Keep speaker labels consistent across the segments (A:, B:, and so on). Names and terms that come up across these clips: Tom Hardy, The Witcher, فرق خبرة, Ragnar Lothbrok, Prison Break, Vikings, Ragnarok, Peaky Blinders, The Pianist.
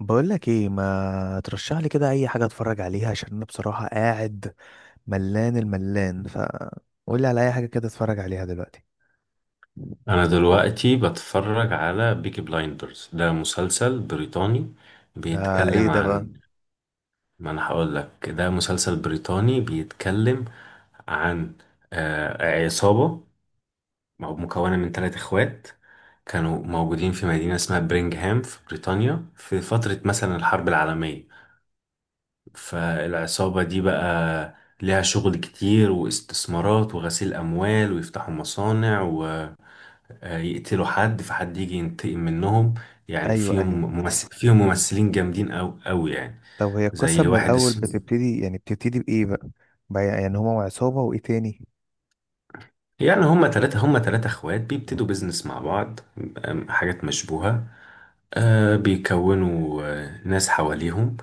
A: بقول لك ايه، ما ترشح لي كده اي حاجه اتفرج عليها؟ عشان انا بصراحه قاعد ملان الملان ف قول لي على اي حاجه كده اتفرج عليها دلوقتي.
B: انا دلوقتي بتفرج على بيكي بلايندرز، ده مسلسل بريطاني
A: ده ايه
B: بيتكلم
A: ده بقى؟
B: عن ما. انا هقول لك، ده مسلسل بريطاني بيتكلم عن عصابة مكونة من ثلاث اخوات، كانوا موجودين في مدينة اسمها برينغهام في بريطانيا في فترة مثلا الحرب العالمية. فالعصابة دي بقى ليها شغل كتير واستثمارات وغسيل أموال ويفتحوا مصانع، يقتلوا حد فحد يجي ينتقم منهم. يعني
A: ايوه، ايوه.
B: فيهم ممثلين جامدين أوي أوي يعني.
A: طب هي القصه
B: زي
A: من
B: واحد
A: الاول
B: اسمه،
A: بتبتدي، يعني بتبتدي بايه بقى؟ يعني هما وعصابه وايه تاني؟
B: يعني هما هما تلاتة اخوات بيبتدوا بيزنس مع بعض، حاجات مشبوهة. بيكونوا ناس حواليهم،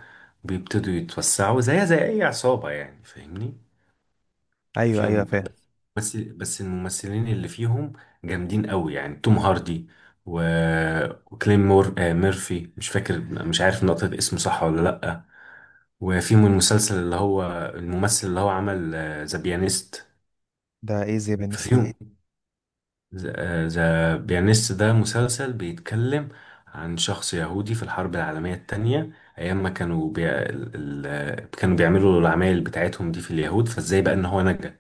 B: بيبتدوا يتوسعوا زيها زي أي عصابة، يعني فاهمني.
A: ايوه، ايوه،
B: فيهم،
A: فاهم.
B: بس الممثلين اللي فيهم جامدين أوي يعني، توم هاردي و... وكليم مور... آه ميرفي، مش فاكر، مش عارف نطق اسمه صح ولا لأ. وفيهم المسلسل اللي هو الممثل اللي هو عمل ذا بيانيست.
A: ده ايه زي بنس ده؟
B: ففيهم ذا بيانيست، ده مسلسل بيتكلم عن شخص يهودي في الحرب العالمية التانية، أيام ما كانوا بي... ال... كانوا بيعملوا العمايل بتاعتهم دي في اليهود، فازاي بقى إن هو نجا،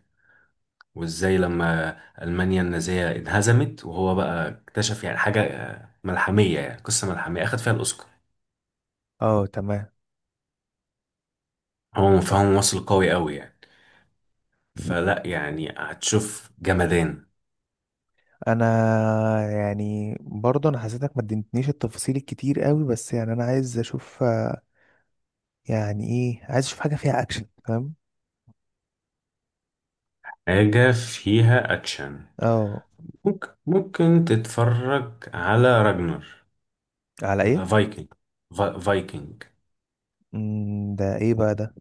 B: وازاي لما ألمانيا النازية انهزمت وهو بقى اكتشف يعني حاجة ملحمية، يعني قصة ملحمية أخد فيها الأوسكار.
A: اه، تمام.
B: هو فهو ممثل قوي يعني، فلا يعني هتشوف جمدان.
A: انا، يعني برضه انا حسيتك ما اديتنيش التفاصيل الكتير قوي، بس يعني انا عايز اشوف، يعني ايه، عايز اشوف حاجه فيها اكشن، فاهم؟
B: حاجة فيها أكشن؟
A: اه.
B: ممكن تتفرج على راجنر،
A: على ايه؟
B: فايكنج. فايكنج
A: ده ايه بقى ده؟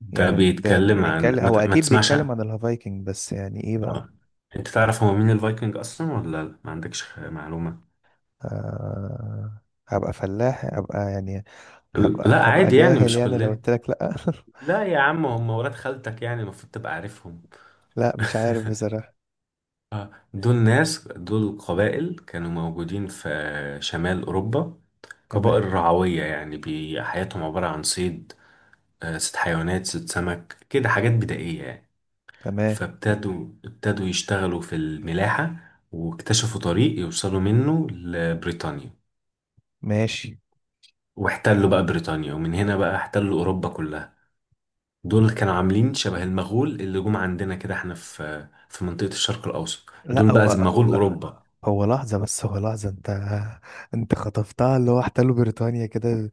B: ده
A: يعني ده
B: بيتكلم عن
A: بيتكلم، هو
B: ما
A: اكيد
B: تسمعش عن...
A: بيتكلم عن الهافايكنج، بس يعني ايه بقى؟
B: آه. انت تعرف هو مين الفايكنج اصلا ولا لا؟ ما عندكش معلومة؟
A: آه. هبقى فلاح، هبقى يعني. هبقى
B: لا
A: هبقى
B: عادي يعني،
A: جاهل
B: مش
A: يعني، لو
B: كلنا.
A: قلت لك لا.
B: لا يا عم، هم ولاد خالتك يعني، المفروض تبقى عارفهم.
A: لا، مش عارف بصراحة.
B: دول ناس، دول قبائل كانوا موجودين في شمال أوروبا.
A: تمام.
B: قبائل رعوية يعني، حياتهم عبارة عن صيد، ست حيوانات، ست سمك كده، حاجات بدائية يعني.
A: تمام،
B: فابتدوا يشتغلوا في الملاحة، واكتشفوا طريق يوصلوا منه لبريطانيا،
A: ماشي.
B: واحتلوا بقى بريطانيا، ومن هنا بقى احتلوا أوروبا كلها. دول كانوا عاملين شبه المغول اللي جم عندنا كده احنا في منطقة الشرق الأوسط، دول
A: لا، هو
B: بقى زي مغول
A: هو
B: أوروبا.
A: هو لحظة، بس هو لحظة، انت خطفتها اللي هو احتلوا بريطانيا كده.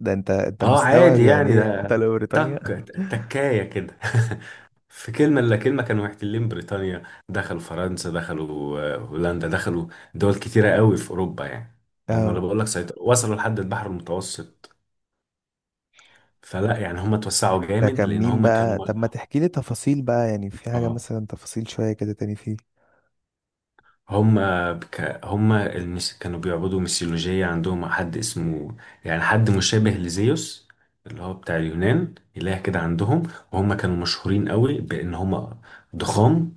A: ده انت
B: اه
A: مستوعب
B: عادي
A: يعني
B: يعني،
A: ايه
B: ده
A: احتلوا
B: تك،
A: بريطانيا؟
B: تكاية كده. في كلمة إلا كلمة كانوا محتلين بريطانيا، دخلوا فرنسا، دخلوا هولندا، دخلوا دول كتيرة قوي في أوروبا يعني. هم أنا
A: اه.
B: بقول لك سيطروا، وصلوا لحد البحر المتوسط. فلا يعني هم اتوسعوا
A: ده
B: جامد،
A: كان
B: لأن
A: مين
B: هم كانوا
A: بقى؟ طب ما تحكي لي تفاصيل بقى، يعني في حاجة
B: اه.
A: مثلا تفاصيل شوية كده تاني فيه.
B: هما المس... كانوا بيعبدوا ميثولوجية، عندهم حد اسمه، يعني حد مشابه لزيوس اللي هو بتاع اليونان، إله كده عندهم. وهم كانوا مشهورين قوي بإن هما ضخام،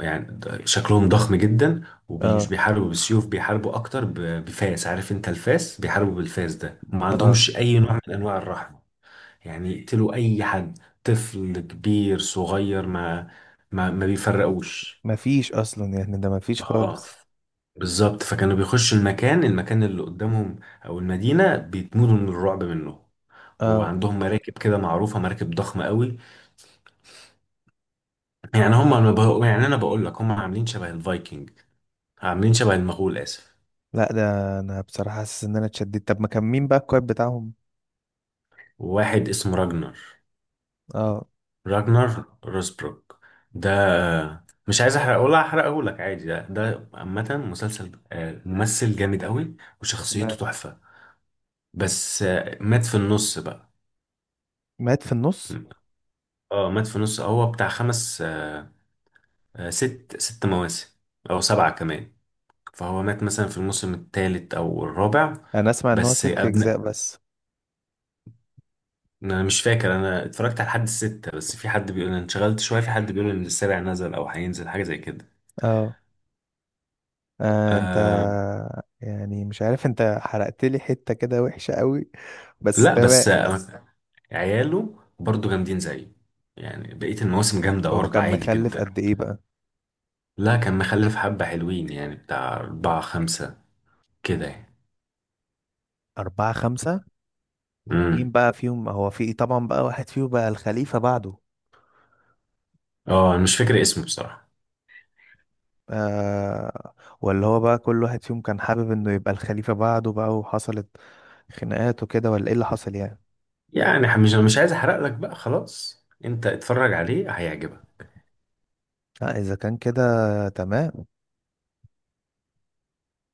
B: يعني شكلهم ضخم جدا، ومش
A: اه.
B: بيحاربوا بالسيوف، بيحاربوا أكتر ب... بفاس. عارف أنت الفاس؟ بيحاربوا بالفاس ده، وما
A: اه،
B: عندهمش أي نوع من أنواع الرحمة. يعني يقتلوا أي حد، طفل كبير صغير، ما بيفرقوش.
A: مفيش اصلا يعني، ده مفيش
B: اه
A: خالص.
B: بالظبط. فكانوا بيخشوا المكان اللي قدامهم او المدينه، بيتموتوا من الرعب منه.
A: اه.
B: وعندهم مراكب كده معروفه، مراكب ضخمه قوي. يعني هم يعني انا بقول لك هم عاملين شبه الفايكنج، عاملين شبه المغول، اسف.
A: لا، ده انا بصراحة حاسس ان انا اتشددت. طب ما كان مين بقى الكويب بتاعهم؟
B: وواحد اسمه راجنر،
A: اه،
B: راجنر روسبروك. ده مش عايز احرقه، ولا احرقه لك عادي، ده ده عامه مسلسل ممثل جامد قوي وشخصيته
A: تمام.
B: تحفه. بس آه، مات في النص بقى.
A: مات في النص؟
B: اه مات في النص، هو بتاع خمس ست، ست مواسم أو سبعة كمان. فهو مات مثلا في الموسم الثالث أو الرابع.
A: انا اسمع ان هو
B: بس
A: ست
B: أبناء،
A: اجزاء بس.
B: أنا مش فاكر، أنا اتفرجت على حد الستة، بس في حد بيقول، أنا انشغلت شوية، في حد بيقول إن السابع نزل أو هينزل حاجة زي كده.
A: اه. انت،
B: أه
A: يعني مش عارف، انت حرقت لي حتة كده وحشة قوي، بس
B: لا،
A: تمام.
B: بس آه، عياله برضو جامدين زيه، يعني بقية المواسم جامدة
A: هو
B: برضو
A: كان
B: عادي
A: مخلف
B: جدا.
A: قد ايه بقى؟
B: لا كان مخلف حبة حلوين يعني، بتاع أربعة خمسة كده يعني.
A: أربعة، خمسة؟ مين
B: امم
A: بقى فيهم، هو في طبعا بقى واحد فيهم بقى الخليفة بعده؟
B: اه، أنا مش فاكر اسمه بصراحة.
A: آه. ولا هو بقى كل واحد فيهم كان حابب انه يبقى الخليفة بعده بقى، وحصلت خناقات وكده، ولا ايه اللي حصل يعني؟
B: يعني مش عايز احرق لك بقى، خلاص انت اتفرج عليه هيعجبك.
A: لا، اذا كان كده تمام.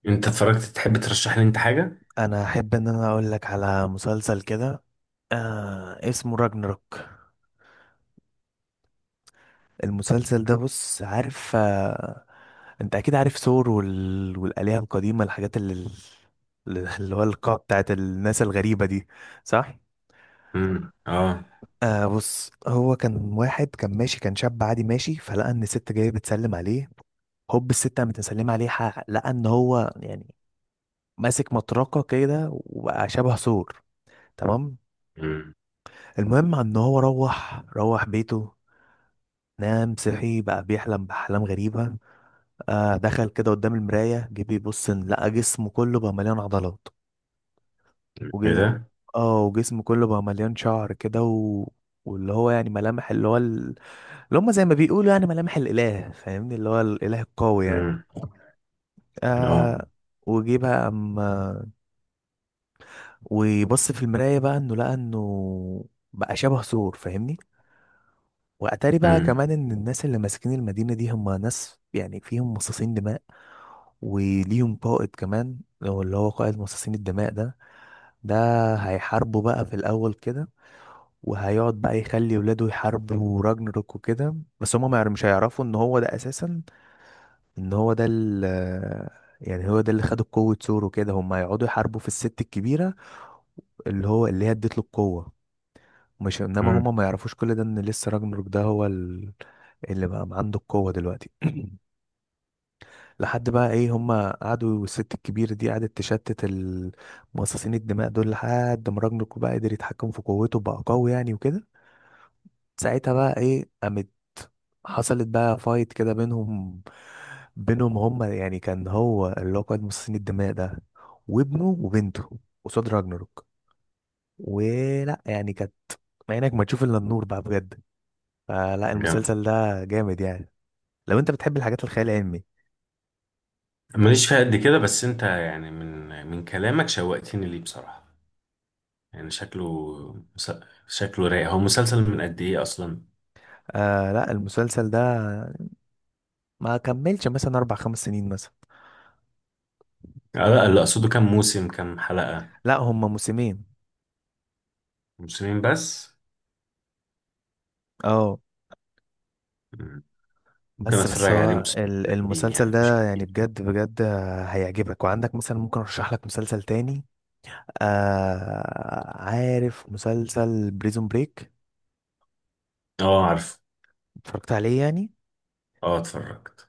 B: انت اتفرجت، تحب ترشح لي انت حاجه؟
A: انا احب ان انا اقول لك على مسلسل كده. اسمه راجنروك. المسلسل ده، بص، عارف، انت اكيد عارف ثور والآلهة القديمة، الحاجات اللي هو القاع بتاعت الناس الغريبة دي، صح؟
B: امم. اه.
A: آه، بص، هو كان واحد كان ماشي، كان شاب عادي ماشي، فلقى ان الست جايه بتسلم عليه. هوب الست قامت مسلمه عليه، حق لقى ان هو، يعني، ماسك مطرقه كده وبقى شبه سور. تمام.
B: امم.
A: المهم ان هو روح بيته، نام، صحي بقى بيحلم بأحلام غريبة. دخل كده قدام المراية، جه بيبص، إن لقى جسمه كله بقى مليان عضلات
B: ايه
A: وجه.
B: ده؟
A: اه، وجسمه كله بقى مليان شعر كده واللي هو، يعني، ملامح اللي هو اللي هم زي ما بيقولوا، يعني ملامح الإله، فاهمني؟ اللي هو الإله القوي يعني.
B: امم. اه.
A: آه. وجي بقى أما ويبص في المراية بقى، إنه لقى إنه بقى شبه ثور، فاهمني؟ وأتاري بقى
B: امم.
A: كمان إن الناس اللي ماسكين المدينة دي هم ناس، يعني فيهم مصاصين دماء، وليهم قائد كمان، هو اللي هو قائد مصاصين الدماء ده. ده هيحاربوا بقى في الأول كده، وهيقعد بقى يخلي ولاده يحاربوا راجنروك وكده. بس هما ما يعرف- مش هيعرفوا ان هو ده اساسا، ان هو ده يعني هو ده اللي خد قوة سور، وكده هم هيقعدوا يحاربوا في الست الكبيرة، اللي هو اللي هي اديت له القوة. مش انما
B: امم.
A: هما ما يعرفوش كل ده، ان لسه راجنروك ده هو اللي بقى عنده القوة دلوقتي. لحد بقى ايه، هما قعدوا والست الكبيرة دي قعدت تشتت المصاصين الدماء دول لحد ما راجنروك بقى قدر يتحكم في قوته بقى قوي يعني وكده. ساعتها بقى ايه، قامت حصلت بقى فايت كده بينهم هما، يعني كان هو اللي هو قائد مصاصين الدماء ده وابنه وبنته قصاد راجناروك، ولا يعني كانت عينك ما تشوف الا النور بقى بجد. فلا،
B: جامد.
A: المسلسل ده جامد يعني، لو انت بتحب الحاجات الخيال العلمي.
B: ماليش فيها قد كده، بس انت يعني من كلامك شوقتني ليه بصراحه، يعني شكله، مس- شكله رايق. هو مسلسل من قد ايه اصلا؟
A: لا، المسلسل ده ما كملش مثلا اربع، خمس سنين مثلا.
B: لا اللي اقصده كام موسم كام حلقه.
A: لا، هما موسمين.
B: موسمين بس؟
A: اه.
B: مم. ممكن
A: بس
B: اتفرج عليه،
A: هو
B: موسمين قليلين
A: المسلسل
B: يعني مش
A: ده يعني
B: كتير.
A: بجد بجد هيعجبك. وعندك مثلا ممكن ارشح لك مسلسل تاني. عارف مسلسل بريزون بريك؟
B: اه عارف.
A: اتفرجت عليه يعني؟
B: اه اتفرجت.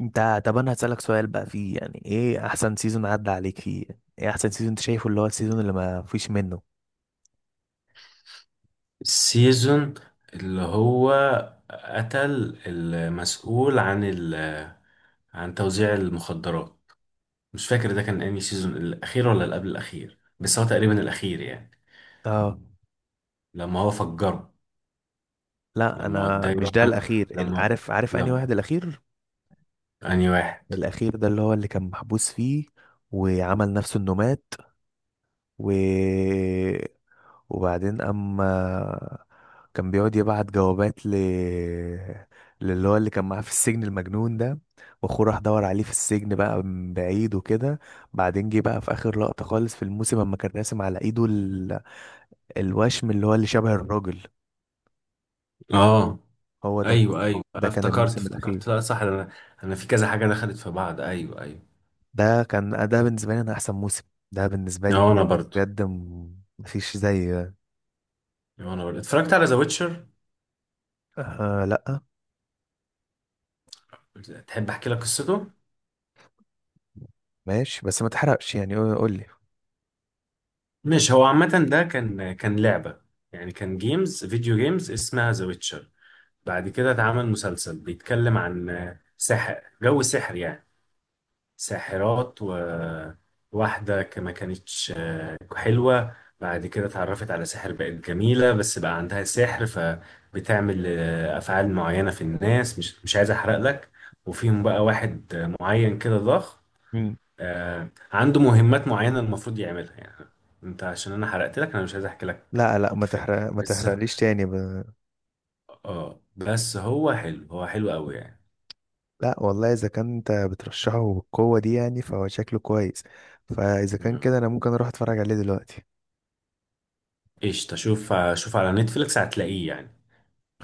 A: انت، طب انا هسألك سؤال بقى فيه، يعني ايه احسن سيزون عدى عليك فيه؟ ايه احسن سيزون انت شايفه، اللي هو السيزون اللي ما فيش منه؟
B: السيزون اللي هو قتل المسؤول عن ال، عن توزيع المخدرات، مش فاكر ده كان انهي سيزون، الاخير ولا اللي قبل الاخير، بس هو تقريبا الاخير يعني،
A: اه.
B: لما هو فجره.
A: لا،
B: لما
A: انا
B: وداه
A: مش
B: يروح
A: ده
B: عند،
A: الاخير.
B: لما،
A: عارف انهي
B: لما،
A: واحد الاخير.
B: انهي واحد؟
A: الاخير ده اللي هو اللي كان محبوس فيه وعمل نفسه انه مات، و وبعدين اما كان بيقعد يبعت جوابات للي هو اللي كان معاه في السجن المجنون ده، واخوه راح دور عليه في السجن بقى من بعيد وكده. بعدين جه بقى في اخر لقطة خالص في الموسم اما كان راسم على ايده الوشم اللي هو اللي شبه الراجل.
B: اه
A: هو ده.
B: ايوه ايوه،
A: ده
B: أنا
A: كان
B: افتكرت
A: الموسم الاخير.
B: افتكرت لا صح انا، انا في كذا حاجه دخلت في بعض. ايوه ايوه.
A: ده كان، ده بالنسبة لي، انا احسن موسم، ده بالنسبة لي
B: اه انا
A: بجد.
B: برضو.
A: بجد، مفيش زي ده.
B: اه انا برضو اتفرجت على ذا ويتشر.
A: آه، لا،
B: تحب احكي لك قصته؟
A: ماشي، بس ما تحرقش يعني، قول
B: مش هو عامة ده كان، كان لعبة يعني، كان جيمز، فيديو جيمز اسمها ذا ويتشر. بعد كده اتعمل مسلسل بيتكلم عن سحر، جو سحر يعني، ساحرات. وواحدة ما كانتش حلوة، بعد كده اتعرفت على سحر، بقت جميلة بس بقى عندها سحر، فبتعمل أفعال معينة في الناس. مش عايز أحرق لك. وفيهم بقى واحد معين كده ضخم،
A: لي.
B: عنده مهمات معينة المفروض يعملها يعني. انت عشان انا حرقت لك، انا مش عايز احكي لك.
A: لا، لا،
B: كفاية.
A: ما
B: بس
A: تحرقليش تاني
B: اه، بس هو حلو، هو حلو قوي يعني.
A: لا والله، اذا كان انت بترشحه بالقوه دي يعني فهو شكله كويس. فاذا كان
B: مم.
A: كده انا ممكن اروح اتفرج عليه دلوقتي.
B: ايش تشوف، شوف على نتفليكس هتلاقيه يعني،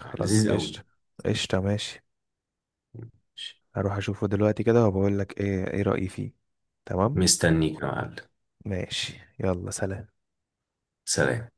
A: خلاص
B: لذيذ قوي.
A: قشطه. قشطه، ماشي.
B: ماشي.
A: هروح اشوفه دلوقتي كده وبقول لك ايه، ايه رايي فيه. تمام،
B: مستنيك يا معلم.
A: ماشي، يلا، سلام.
B: سلام.